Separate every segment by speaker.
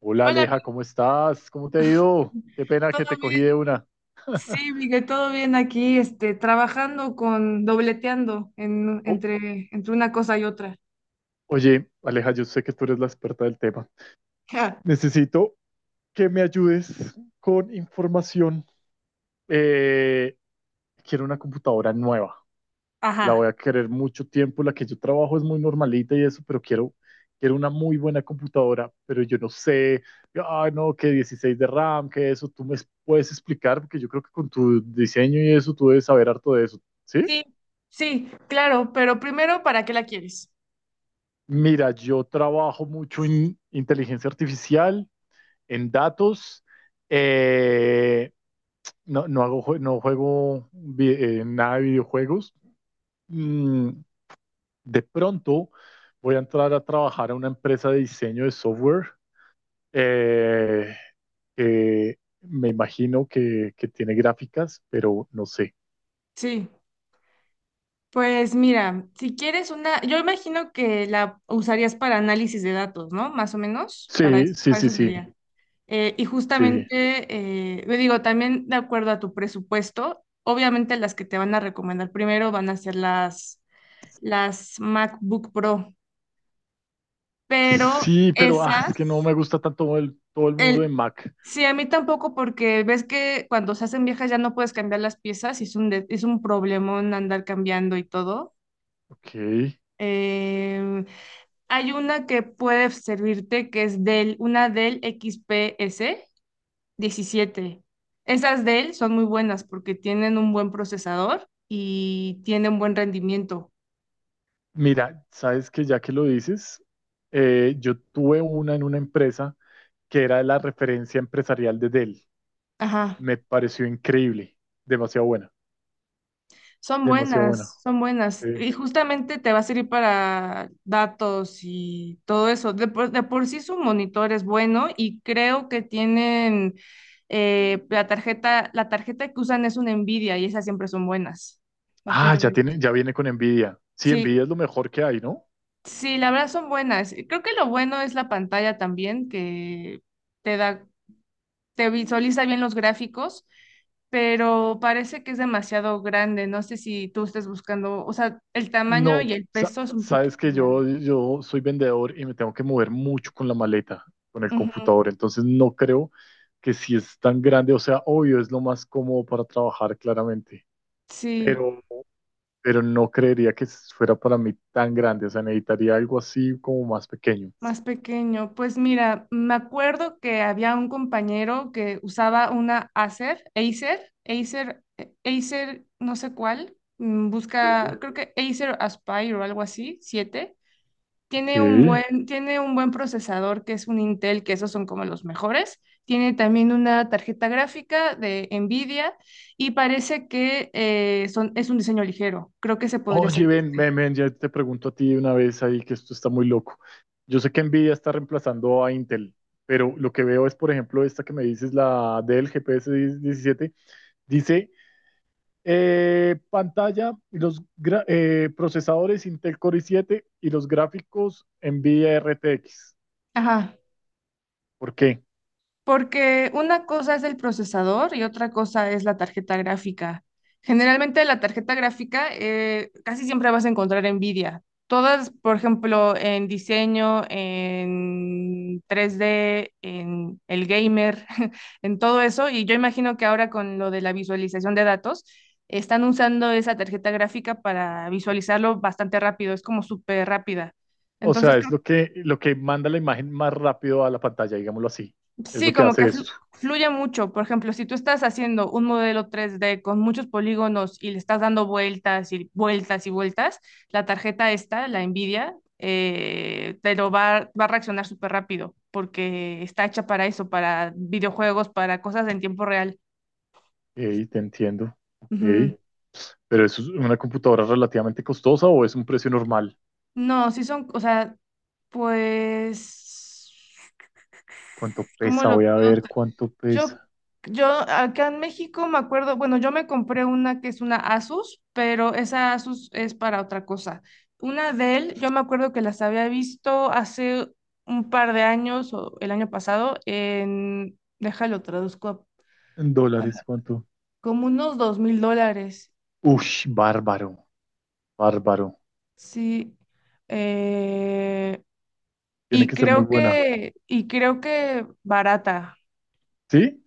Speaker 1: Hola,
Speaker 2: Hola,
Speaker 1: Aleja,
Speaker 2: amiga.
Speaker 1: ¿cómo estás? ¿Cómo te ha ido? Qué pena que
Speaker 2: ¿Todo
Speaker 1: te cogí de
Speaker 2: bien?
Speaker 1: una.
Speaker 2: Sí, Miguel, todo bien aquí, trabajando con, dobleteando en-
Speaker 1: Oh,
Speaker 2: entre, entre una cosa y otra.
Speaker 1: oye, Aleja, yo sé que tú eres la experta del tema.
Speaker 2: Ja.
Speaker 1: Necesito que me ayudes con información. Eh, quiero una computadora nueva. La voy
Speaker 2: Ajá.
Speaker 1: a querer mucho tiempo. La que yo trabajo es muy normalita y eso, pero quiero una muy buena computadora. Pero yo no sé, ah, no, que 16 de RAM, que eso. Tú me puedes explicar, porque yo creo que con tu diseño y eso, tú debes saber harto de eso. ¿Sí?
Speaker 2: Sí, sí, claro, pero primero, ¿para qué la quieres?
Speaker 1: Mira, yo trabajo mucho en inteligencia artificial, en datos. eh, no juego nada de videojuegos. Mm, de pronto voy a entrar a trabajar a una empresa de diseño de software eh, que me imagino que tiene gráficas, pero no sé.
Speaker 2: Sí, pues mira, si quieres una, yo imagino que la usarías para análisis de datos, ¿no? Más o menos, para
Speaker 1: Sí,
Speaker 2: eso,
Speaker 1: sí,
Speaker 2: para
Speaker 1: sí,
Speaker 2: eso
Speaker 1: sí,
Speaker 2: sería. Y
Speaker 1: sí.
Speaker 2: justamente, yo digo, también de acuerdo a tu presupuesto, obviamente las que te van a recomendar primero van a ser las MacBook Pro, pero
Speaker 1: Sí, pero ah, es que no
Speaker 2: esas,
Speaker 1: me gusta tanto todo el mundo de
Speaker 2: el,
Speaker 1: Mac.
Speaker 2: sí, a mí tampoco porque ves que cuando se hacen viejas ya no puedes cambiar las piezas y es un problemón andar cambiando y todo.
Speaker 1: Ok.
Speaker 2: Em, Hay una que puede servirte que es Dell, una Dell XPS 17. Esas Dell son muy buenas porque tienen un buen procesador y tienen buen rendimiento.
Speaker 1: Mira, sabes que ya que lo dices, yo tuve una en una empresa que era la referencia empresarial de Dell.
Speaker 2: Ajá.
Speaker 1: Me pareció increíble, demasiado buena,
Speaker 2: Son
Speaker 1: demasiado buena.
Speaker 2: buenas, son buenas.
Speaker 1: Eh,
Speaker 2: Y justamente te va a servir para datos y todo eso. De por sí su monitor es bueno y creo que tienen la tarjeta que usan es una Nvidia y esas siempre son buenas. Bastante
Speaker 1: ya
Speaker 2: buenas.
Speaker 1: tiene, ya viene con Nvidia. Sí,
Speaker 2: Sí,
Speaker 1: Nvidia es lo mejor que hay, ¿no?
Speaker 2: sí, la verdad son buenas. Creo que lo bueno es la pantalla también, que te da te visualiza bien los gráficos, pero parece que es demasiado grande. No sé si tú estés buscando, o sea, el tamaño y
Speaker 1: No,
Speaker 2: el peso es un poquito
Speaker 1: sabes que
Speaker 2: grande.
Speaker 1: yo soy vendedor y me tengo que mover mucho con la maleta, con el
Speaker 2: Ujú,
Speaker 1: computador. Entonces no creo que si es tan grande, o sea, obvio, es lo más cómodo para trabajar claramente.
Speaker 2: sí,
Speaker 1: Pero no creería que fuera para mí tan grande. O sea, necesitaría algo así como más pequeño.
Speaker 2: más pequeño. Pues mira, me acuerdo que había un compañero que usaba una Acer, no sé cuál. Busca,
Speaker 1: Sí.
Speaker 2: creo que Acer Aspire o algo así, 7.
Speaker 1: Ok.
Speaker 2: Tiene un buen procesador que es un Intel, que esos son como los mejores. Tiene también una tarjeta gráfica de Nvidia y parece que es un diseño ligero. Creo que se podría
Speaker 1: Oye,
Speaker 2: servirte.
Speaker 1: ven, ya te pregunto a ti de una vez ahí que esto está muy loco. Yo sé que Nvidia está reemplazando a Intel, pero lo que veo es, por ejemplo, esta que me dices, la del GPS 17 dice pantalla y los procesadores Intel Core i7 y los gráficos Nvidia RTX.
Speaker 2: Ajá.
Speaker 1: ¿Por qué?
Speaker 2: Porque una cosa es el procesador y otra cosa es la tarjeta gráfica. Generalmente la tarjeta gráfica casi siempre vas a encontrar Nvidia. Todas, por ejemplo, en diseño, en 3D, en el gamer, en todo eso. Y yo imagino que ahora con lo de la visualización de datos, están usando esa tarjeta gráfica para visualizarlo bastante rápido. Es como súper rápida.
Speaker 1: O
Speaker 2: Entonces.
Speaker 1: sea, es lo que manda la imagen más rápido a la pantalla, digámoslo así. Es
Speaker 2: Sí,
Speaker 1: lo que
Speaker 2: como que
Speaker 1: hace esto.
Speaker 2: fluye mucho. Por ejemplo, si tú estás haciendo un modelo 3D con muchos polígonos y le estás dando vueltas y vueltas y vueltas, la tarjeta esta, la Nvidia, te lo va a reaccionar súper rápido porque está hecha para eso, para videojuegos, para cosas en tiempo real.
Speaker 1: Ok, te entiendo. Ok.
Speaker 2: Ujú.
Speaker 1: ¿Pero eso es una computadora relativamente costosa o es un precio normal?
Speaker 2: No, sí son, o sea, pues,
Speaker 1: ¿Cuánto
Speaker 2: ¿cómo
Speaker 1: pesa?
Speaker 2: lo
Speaker 1: Voy
Speaker 2: veo?
Speaker 1: a ver cuánto pesa.
Speaker 2: Yo, yo acá en México me acuerdo, bueno, yo me compré una que es una Asus, pero esa Asus es para otra cosa. Una Dell yo me acuerdo que las había visto hace un par de años o el año pasado en, déjalo traduzco,
Speaker 1: En
Speaker 2: a-
Speaker 1: dólares, ¿cuánto?
Speaker 2: como unos $2,000,
Speaker 1: Ush, bárbaro, bárbaro.
Speaker 2: sí. Eh,
Speaker 1: Tiene
Speaker 2: y
Speaker 1: que ser muy
Speaker 2: creo
Speaker 1: buena.
Speaker 2: que, y creo que barata.
Speaker 1: ¿Sí?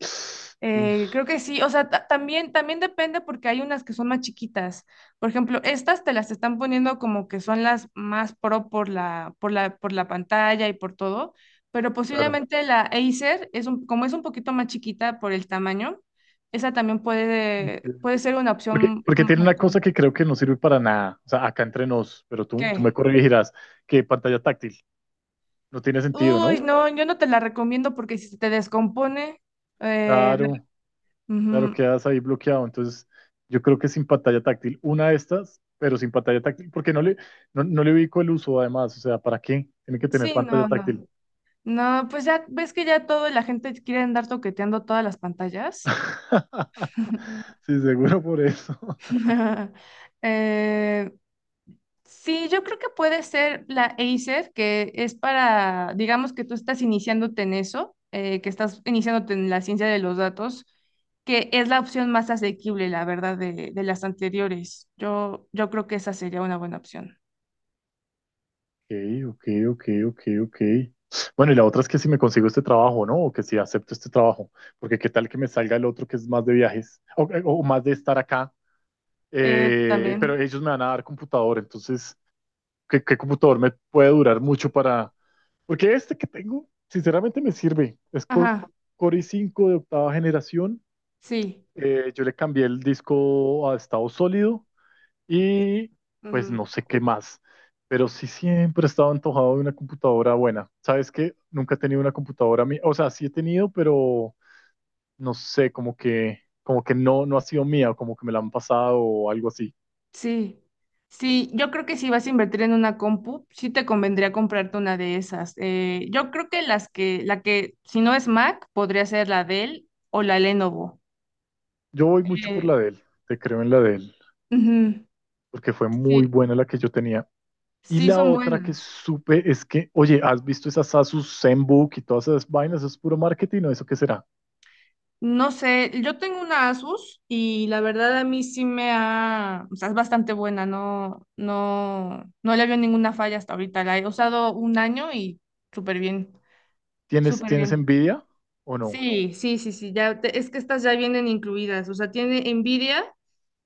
Speaker 1: Uf,
Speaker 2: Creo que sí, o sea, también depende porque hay unas que son más chiquitas. Por ejemplo, estas te las están poniendo como que son las más pro por la pantalla y por todo, pero
Speaker 1: claro.
Speaker 2: posiblemente la Acer es un, como es un poquito más chiquita por el tamaño, esa también puede,
Speaker 1: Entiendo.
Speaker 2: puede ser una
Speaker 1: Porque,
Speaker 2: opción.
Speaker 1: porque tiene una cosa
Speaker 2: Mm,
Speaker 1: que creo que no sirve para nada. O sea, acá entre nos, pero tú
Speaker 2: ¿Qué?
Speaker 1: me corregirás, que pantalla táctil. No tiene sentido,
Speaker 2: Uy,
Speaker 1: ¿no?
Speaker 2: no, yo no te la recomiendo porque si se te descompone, eh,
Speaker 1: Claro. Claro,
Speaker 2: ujú,
Speaker 1: quedas ahí bloqueado. Entonces, yo creo que sin pantalla táctil, una de estas, pero sin pantalla táctil, porque no no le ubico el uso además. O sea, ¿para qué? Tiene que tener
Speaker 2: sí,
Speaker 1: pantalla
Speaker 2: no, no.
Speaker 1: táctil.
Speaker 2: No, pues ya ves que ya todo la gente quiere andar toqueteando todas las pantallas.
Speaker 1: Sí, seguro por eso.
Speaker 2: Eh, sí, yo creo que puede ser la Acer, que es para, digamos que tú estás iniciándote en eso, que estás iniciándote en la ciencia de los datos, que es la opción más asequible, la verdad, de las anteriores. Yo creo que esa sería una buena opción.
Speaker 1: Ok, ok, ok, ok, ok. Bueno, y la otra es que si me consigo este trabajo, ¿no? O que si acepto este trabajo, porque qué tal que me salga el otro que es más de viajes o más de estar acá, pero
Speaker 2: También,
Speaker 1: ellos me van a dar computador, entonces qué computador me puede durar mucho para... Porque este que tengo, sinceramente me sirve. Es
Speaker 2: ajá,
Speaker 1: Core i5 de octava generación.
Speaker 2: sí.
Speaker 1: Yo le cambié el disco a estado sólido y pues
Speaker 2: Ujú.
Speaker 1: no sé qué más. Pero sí siempre he estado antojado de una computadora buena. ¿Sabes qué? Nunca he tenido una computadora mía. O sea, sí he tenido, pero no sé, como que no ha sido mía, como que me la han pasado o algo así.
Speaker 2: Sí, sí, yo creo que si vas a invertir en una compu, sí te convendría comprarte una de esas. Yo creo que la que, si no es Mac, podría ser la Dell o la Lenovo.
Speaker 1: Yo voy mucho por la
Speaker 2: Eh,
Speaker 1: de él, te creo en la de él,
Speaker 2: Ujú,
Speaker 1: porque fue muy
Speaker 2: sí,
Speaker 1: buena la que yo tenía. Y
Speaker 2: sí
Speaker 1: la
Speaker 2: son
Speaker 1: otra que
Speaker 2: buenas.
Speaker 1: supe es que, oye, ¿has visto esas Asus ZenBook y todas esas vainas? ¿Eso es puro marketing o eso qué será?
Speaker 2: No sé, yo tengo una Asus y la verdad a mí sí me ha, o sea, es bastante buena, no, no, no le veo ninguna falla hasta ahorita. La he usado un año y súper bien, súper
Speaker 1: Tienes
Speaker 2: bien.
Speaker 1: envidia o no?
Speaker 2: Sí, sí, sí, sí, es que estas ya vienen incluidas, o sea, tiene Nvidia,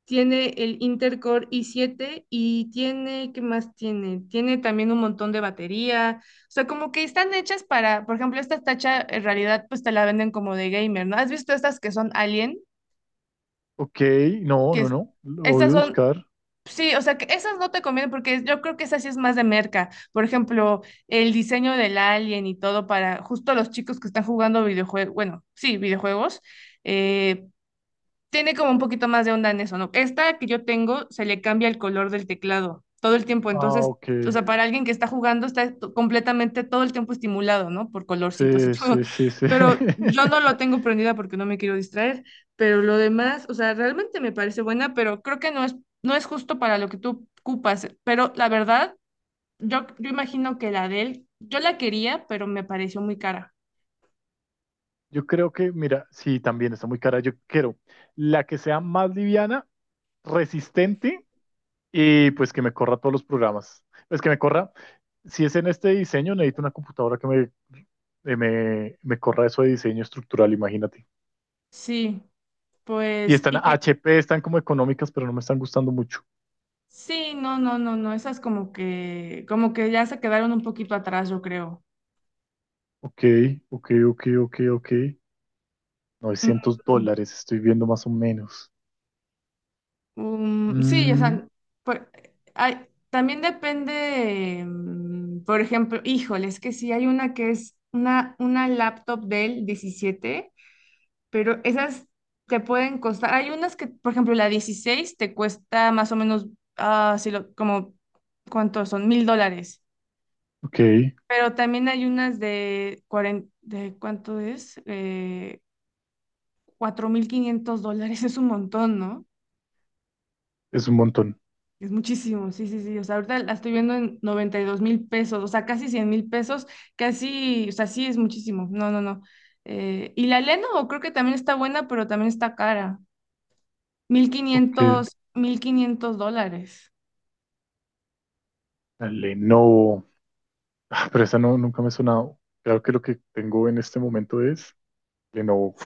Speaker 2: tiene el Intel Core i7 y tiene, ¿qué más tiene? Tiene también un montón de batería, o sea, como que están hechas para, por ejemplo, esta tacha en realidad pues te la venden como de gamer, ¿no? ¿Has visto estas que son Alien?
Speaker 1: Ok, no,
Speaker 2: Que
Speaker 1: no,
Speaker 2: es-
Speaker 1: no. Lo voy
Speaker 2: Estas
Speaker 1: a
Speaker 2: son,
Speaker 1: buscar.
Speaker 2: sí, o sea, que esas no te convienen porque yo creo que esa sí es más de merca, por ejemplo, el diseño del Alien y todo para justo los chicos que están jugando videojuegos, bueno, sí, videojuegos. Eh, Tiene como un poquito más de onda en eso, ¿no? Esta que yo tengo se le cambia el color del teclado todo el tiempo,
Speaker 1: Ah,
Speaker 2: entonces,
Speaker 1: ok.
Speaker 2: o sea, para alguien que está jugando está completamente todo el tiempo estimulado, ¿no? Por colorcitos y
Speaker 1: Sí,
Speaker 2: todo.
Speaker 1: sí, sí, sí.
Speaker 2: Pero yo no lo tengo prendida porque no me quiero distraer, pero lo demás, o sea, realmente me parece buena, pero creo que no es justo para lo que tú ocupas, pero la verdad, yo imagino que la de él, yo la quería, pero me pareció muy cara.
Speaker 1: Yo creo que, mira, sí, también está muy cara. Yo quiero la que sea más liviana, resistente. Y pues que me corra todos los programas. Es que me corra, si es en este diseño, necesito una computadora que me corra eso de diseño estructural, imagínate.
Speaker 2: Sí,
Speaker 1: Y
Speaker 2: pues,
Speaker 1: están
Speaker 2: y que.
Speaker 1: HP, están como económicas, pero no me están gustando mucho.
Speaker 2: Sí, no, no, no, no, esas como que ya se quedaron un poquito atrás, yo creo.
Speaker 1: Ok, ok, ok, ok, ok. novecientos
Speaker 2: Mm,
Speaker 1: dólares, estoy viendo más o menos.
Speaker 2: sí, o
Speaker 1: Mm,
Speaker 2: sea, por- también depende, por ejemplo, híjole, es que sí hay una que es una laptop del 17, pero esas te pueden costar, hay unas que, por ejemplo, la 16 te cuesta más o menos, ah, si lo, como, ¿cuántos son? $1,000.
Speaker 1: ok,
Speaker 2: Pero también hay unas de, 40 de ¿cuánto es? $4,500 es un montón, ¿no?
Speaker 1: es un montón.
Speaker 2: Es muchísimo, sí, sí, sí. O sea, ahorita la estoy viendo en 92,000 pesos, o sea, casi 100,000 pesos, casi, o sea, sí es muchísimo. No, no, no. Y la Lenovo creo que también está buena, pero también está cara. mil
Speaker 1: Ok,
Speaker 2: quinientos mil quinientos dólares.
Speaker 1: la Lenovo. Ah, pero esa no, nunca me ha sonado. Creo que lo que tengo en este momento es Lenovo.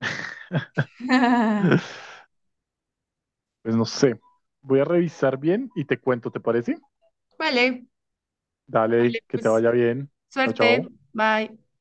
Speaker 1: Pues no sé. Voy a revisar bien y te cuento, ¿te parece?
Speaker 2: Vale,
Speaker 1: Dale,
Speaker 2: vale,
Speaker 1: que te
Speaker 2: pues
Speaker 1: vaya bien. Chao,
Speaker 2: suerte,
Speaker 1: chao.
Speaker 2: bye.